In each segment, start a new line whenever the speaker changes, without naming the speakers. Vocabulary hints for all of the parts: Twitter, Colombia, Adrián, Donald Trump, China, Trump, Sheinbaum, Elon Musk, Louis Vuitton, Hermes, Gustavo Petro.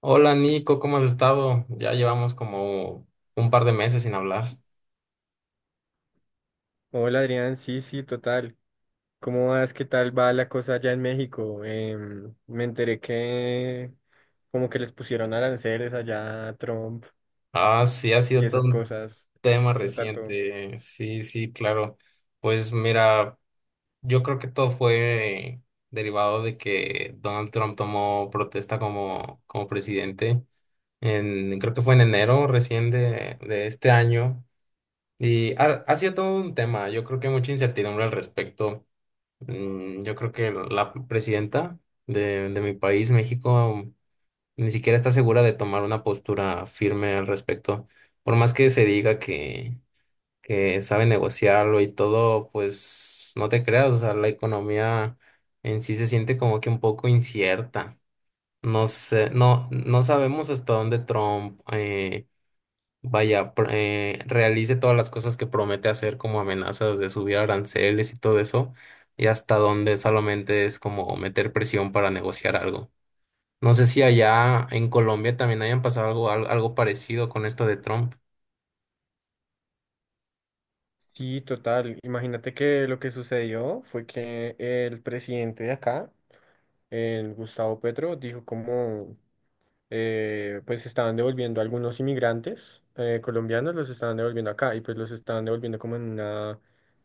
Hola Nico, ¿cómo has estado? Ya llevamos como un par de meses sin hablar.
Hola Adrián, sí, sí, total. ¿Cómo vas? ¿Qué tal va la cosa allá en México? Me enteré que como que les pusieron aranceles allá a Trump
Ah, sí, ha
y
sido todo
esas
un
cosas.
tema
¿Qué tal todo?
reciente. Sí, sí, claro. Pues mira, yo creo que todo fue derivado de que Donald Trump tomó protesta como presidente. Creo que fue en enero recién de este año. Y ha sido todo un tema. Yo creo que mucha incertidumbre al respecto. Yo creo que la presidenta de mi país, México, ni siquiera está segura de tomar una postura firme al respecto. Por más que se diga que sabe negociarlo y todo, pues no te creas, o sea, la economía en sí se siente como que un poco incierta. No sé, no, no sabemos hasta dónde Trump vaya, realice todas las cosas que promete hacer como amenazas de subir aranceles y todo eso, y hasta dónde solamente es como meter presión para negociar algo. No sé si allá en Colombia también hayan pasado algo, algo parecido con esto de Trump.
Sí, total. Imagínate que lo que sucedió fue que el presidente de acá, el Gustavo Petro, dijo como pues estaban devolviendo a algunos inmigrantes colombianos, los estaban devolviendo acá y pues los estaban devolviendo como en una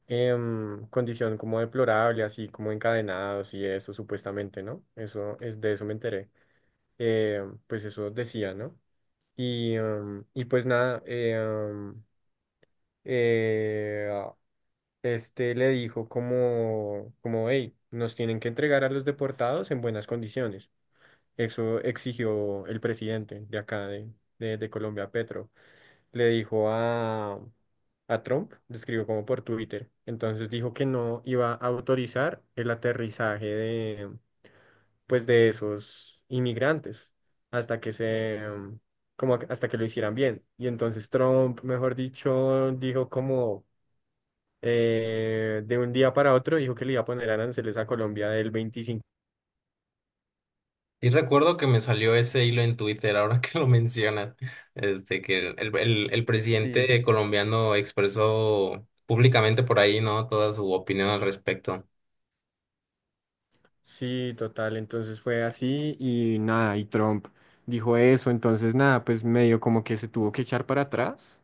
condición como deplorable, así como encadenados y eso supuestamente, ¿no? Eso es de eso me enteré. Pues eso decía, ¿no? Y pues nada, eh, ah, este le dijo como, hey, nos tienen que entregar a los deportados en buenas condiciones. Eso exigió el presidente de acá de Colombia, Petro. Le dijo a Trump, le escribió como por Twitter. Entonces dijo que no iba a autorizar el aterrizaje pues, de esos inmigrantes hasta que se, em, como que- hasta que lo hicieran bien. Y entonces Trump, mejor dicho, dijo como de un día para otro, dijo que le iba a poner aranceles a Colombia del 25.
Y recuerdo que me salió ese hilo en Twitter, ahora que lo mencionas, que el
Sí.
presidente colombiano expresó públicamente por ahí, ¿no? Toda su opinión al respecto.
Sí, total, entonces fue así y nada, y Trump dijo eso, entonces nada, pues medio como que se tuvo que echar para atrás.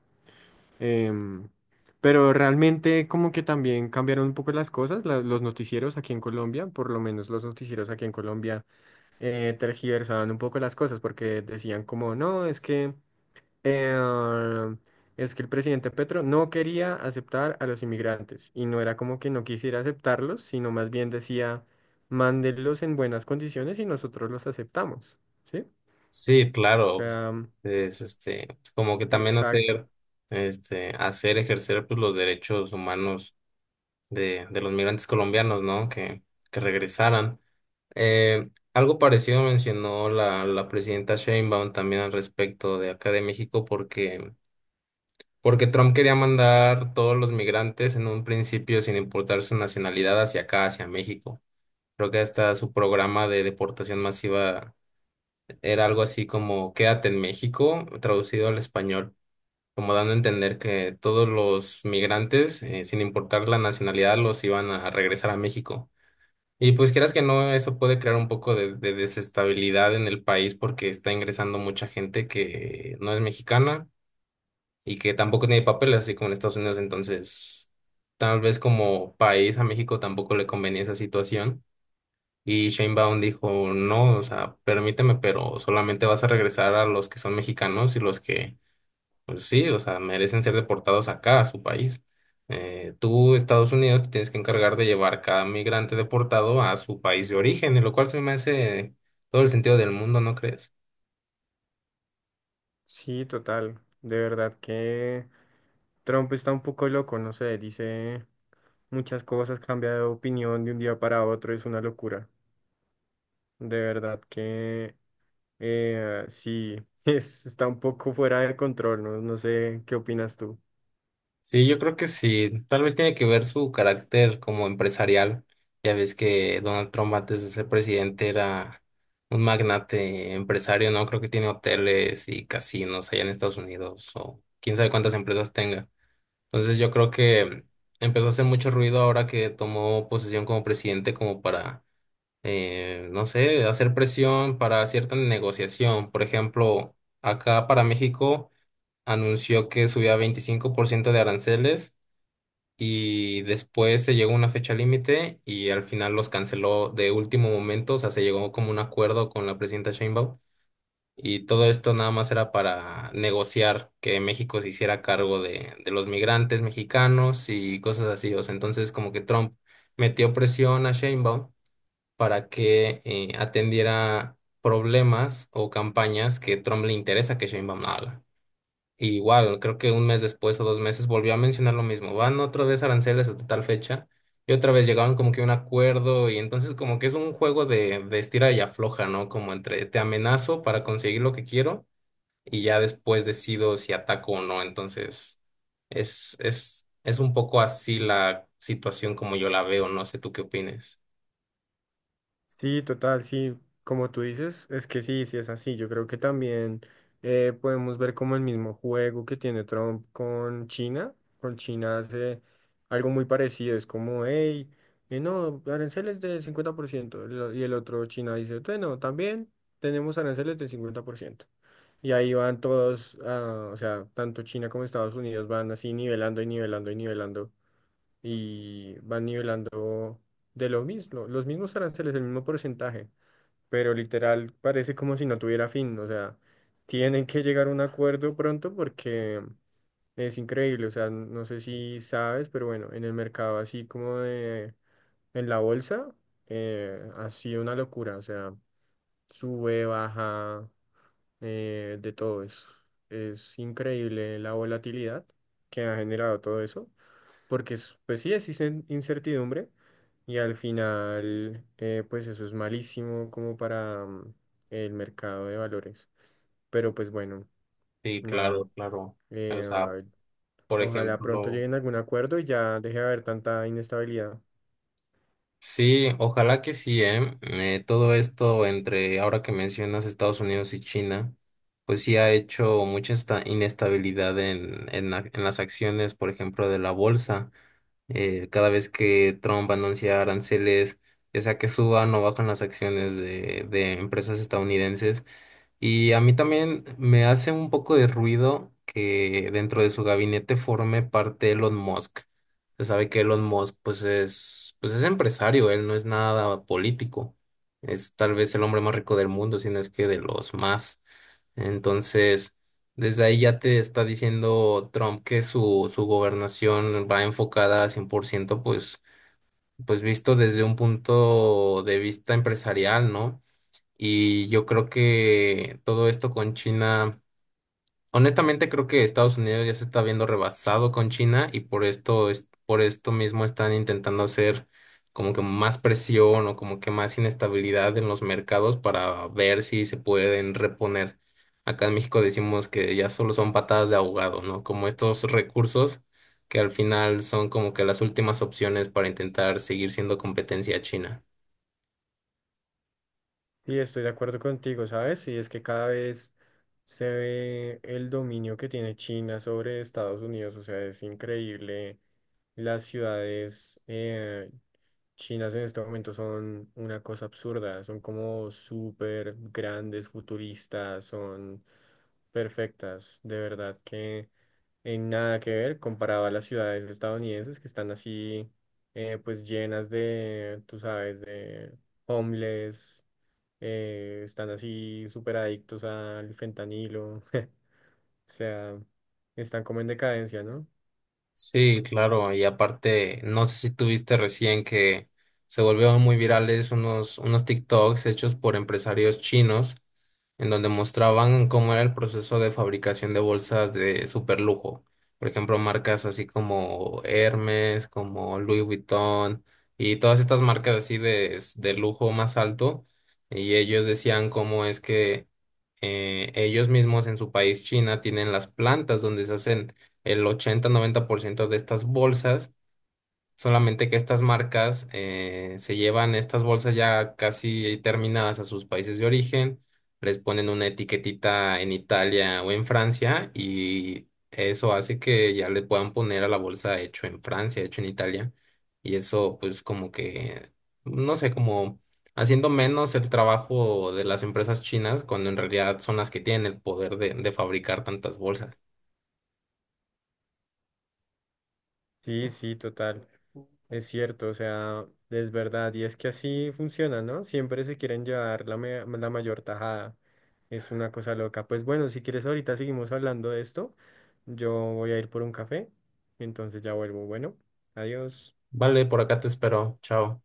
em, pero realmente como que también cambiaron un poco las cosas, los noticieros aquí en Colombia, por lo menos los noticieros aquí en Colombia tergiversaban un poco las cosas porque decían como, no, es que. Eh, es que el presidente Petro no quería aceptar a los inmigrantes y no era como que no quisiera aceptarlos, sino más bien decía, mándenlos en buenas condiciones y nosotros los aceptamos, ¿sí?
Sí,
O
claro.
sea, mm,
Como que también
exacto.
hacer, hacer ejercer pues, los derechos humanos de los migrantes colombianos, ¿no? Que regresaran. Eh, Algo parecido mencionó la presidenta Sheinbaum también al respecto de acá de México, porque Trump quería mandar todos los migrantes en un principio sin importar su nacionalidad hacia acá, hacia México. Creo que hasta su programa de deportación masiva era algo así como Quédate en México, traducido al español, como dando a entender que todos los migrantes, sin importar la nacionalidad, los iban a regresar a México. Y pues quieras que no, eso puede crear un poco de desestabilidad en el país porque está ingresando mucha gente que no es mexicana y que tampoco tiene papeles, así como en Estados Unidos. Entonces, tal vez como país a México tampoco le convenía esa situación. Y Sheinbaum dijo, no, o sea, permíteme, pero solamente vas a regresar a los que son mexicanos y los que pues sí, o sea, merecen ser deportados acá, a su país. Tú, Estados Unidos, te tienes que encargar de llevar cada migrante deportado a su país de origen, y lo cual se me hace todo el sentido del mundo, ¿no crees?
Sí, total. De verdad que Trump está un poco loco, no sé, dice muchas cosas, cambia de opinión de un día para otro, es una locura. De verdad que. Sí, está un poco fuera de control, ¿no? No sé qué opinas tú.
Sí, yo creo que sí. Tal vez tiene que ver su carácter como empresarial. Ya ves que Donald Trump antes de ser presidente era un magnate empresario, ¿no? Creo que tiene hoteles y casinos allá en Estados Unidos o quién sabe cuántas empresas tenga. Entonces yo creo que empezó a hacer mucho ruido ahora que tomó posesión como presidente como para, no sé, hacer presión para cierta negociación. Por ejemplo, acá para México anunció que subía 25% de aranceles y después se llegó a una fecha límite y al final los canceló de último momento. O sea, se llegó como un acuerdo con la presidenta Sheinbaum y todo esto nada más era para negociar que México se hiciera cargo de los migrantes mexicanos y cosas así. O sea, entonces como que Trump metió presión a Sheinbaum para que atendiera problemas o campañas que Trump le interesa que Sheinbaum haga. Y igual, creo que un mes después o dos meses volvió a mencionar lo mismo. Van otra vez aranceles hasta tal fecha y otra vez llegaron como que a un acuerdo y entonces como que es un juego de estira y afloja, ¿no? Como entre te amenazo para conseguir lo que quiero y ya después decido si ataco o no. Entonces, es un poco así la situación como yo la veo, no sé tú qué opines.
Sí, total, sí, como tú dices, es que sí, sí es así. Yo creo que también podemos ver como el mismo juego que tiene Trump con China. Con China hace algo muy parecido, es como, hey, no, aranceles del 50%. Y el otro China dice, bueno, también tenemos aranceles del 50%. Y ahí van todos, ah, o sea, tanto China como Estados Unidos van así nivelando y nivelando y nivelando y van nivelando de lo mismo, los mismos aranceles, el mismo porcentaje, pero literal parece como si no tuviera fin. O sea, tienen que llegar a un acuerdo pronto porque es increíble. O sea, no sé si sabes, pero bueno, en el mercado así como en la bolsa, ha sido una locura. O sea, sube, baja, de todo eso. Es increíble la volatilidad que ha generado todo eso, porque pues sí es incertidumbre, y al final pues eso es malísimo como para el mercado de valores. Pero pues bueno,
Sí,
nada.
claro, claro. O sea,
eh,
por
ojalá pronto
ejemplo,
lleguen a algún acuerdo y ya deje de haber tanta inestabilidad.
sí, ojalá que sí, ¿eh? Todo esto entre ahora que mencionas Estados Unidos y China, pues sí ha hecho mucha esta inestabilidad en las acciones, por ejemplo, de la bolsa. Cada vez que Trump anuncia aranceles, ya sea que suban o bajan las acciones de empresas estadounidenses. Y a mí también me hace un poco de ruido que dentro de su gabinete forme parte Elon Musk. Se sabe que Elon Musk pues es empresario, él no es nada político. Es tal vez el hombre más rico del mundo, si no es que de los más. Entonces. Desde ahí ya te está diciendo Trump que su gobernación va enfocada al 100% pues visto desde un punto de vista empresarial, ¿no? Y yo creo que todo esto con China. Honestamente, creo que Estados Unidos ya se está viendo rebasado con China y por esto mismo están intentando hacer como que más presión o como que más inestabilidad en los mercados para ver si se pueden reponer. Acá en México decimos que ya solo son patadas de ahogado, ¿no? Como estos recursos que al final son como que las últimas opciones para intentar seguir siendo competencia a China.
Sí, estoy de acuerdo contigo, ¿sabes? Y es que cada vez se ve el dominio que tiene China sobre Estados Unidos. O sea, es increíble. Las ciudades chinas en este momento son una cosa absurda, son como súper grandes, futuristas, son perfectas, de verdad que en nada que ver comparado a las ciudades estadounidenses que están así, pues llenas de, tú sabes, de homeless, están así súper adictos al fentanilo, o sea, están como en decadencia, ¿no?
Sí, claro, y aparte, no sé si tuviste recién que se volvieron muy virales unos TikToks hechos por empresarios chinos, en donde mostraban cómo era el proceso de fabricación de bolsas de super lujo. Por ejemplo, marcas así como Hermes, como Louis Vuitton, y todas estas marcas así de lujo más alto, y ellos decían cómo es que ellos mismos en su país, China, tienen las plantas donde se hacen el 80-90% de estas bolsas, solamente que estas marcas se llevan estas bolsas ya casi terminadas a sus países de origen, les ponen una etiquetita en Italia o en Francia y eso hace que ya le puedan poner a la bolsa hecho en Francia, hecho en Italia y eso pues como que, no sé, como haciendo menos el trabajo de las empresas chinas cuando en realidad son las que tienen el poder de fabricar tantas bolsas.
Sí, sí, total, es cierto, o sea, es verdad, y es que así funciona, ¿no? Siempre se quieren llevar la mayor tajada, es una cosa loca. Pues bueno, si quieres ahorita seguimos hablando de esto, yo voy a ir por un café, entonces ya vuelvo, bueno, adiós.
Vale, por acá te espero. Chao.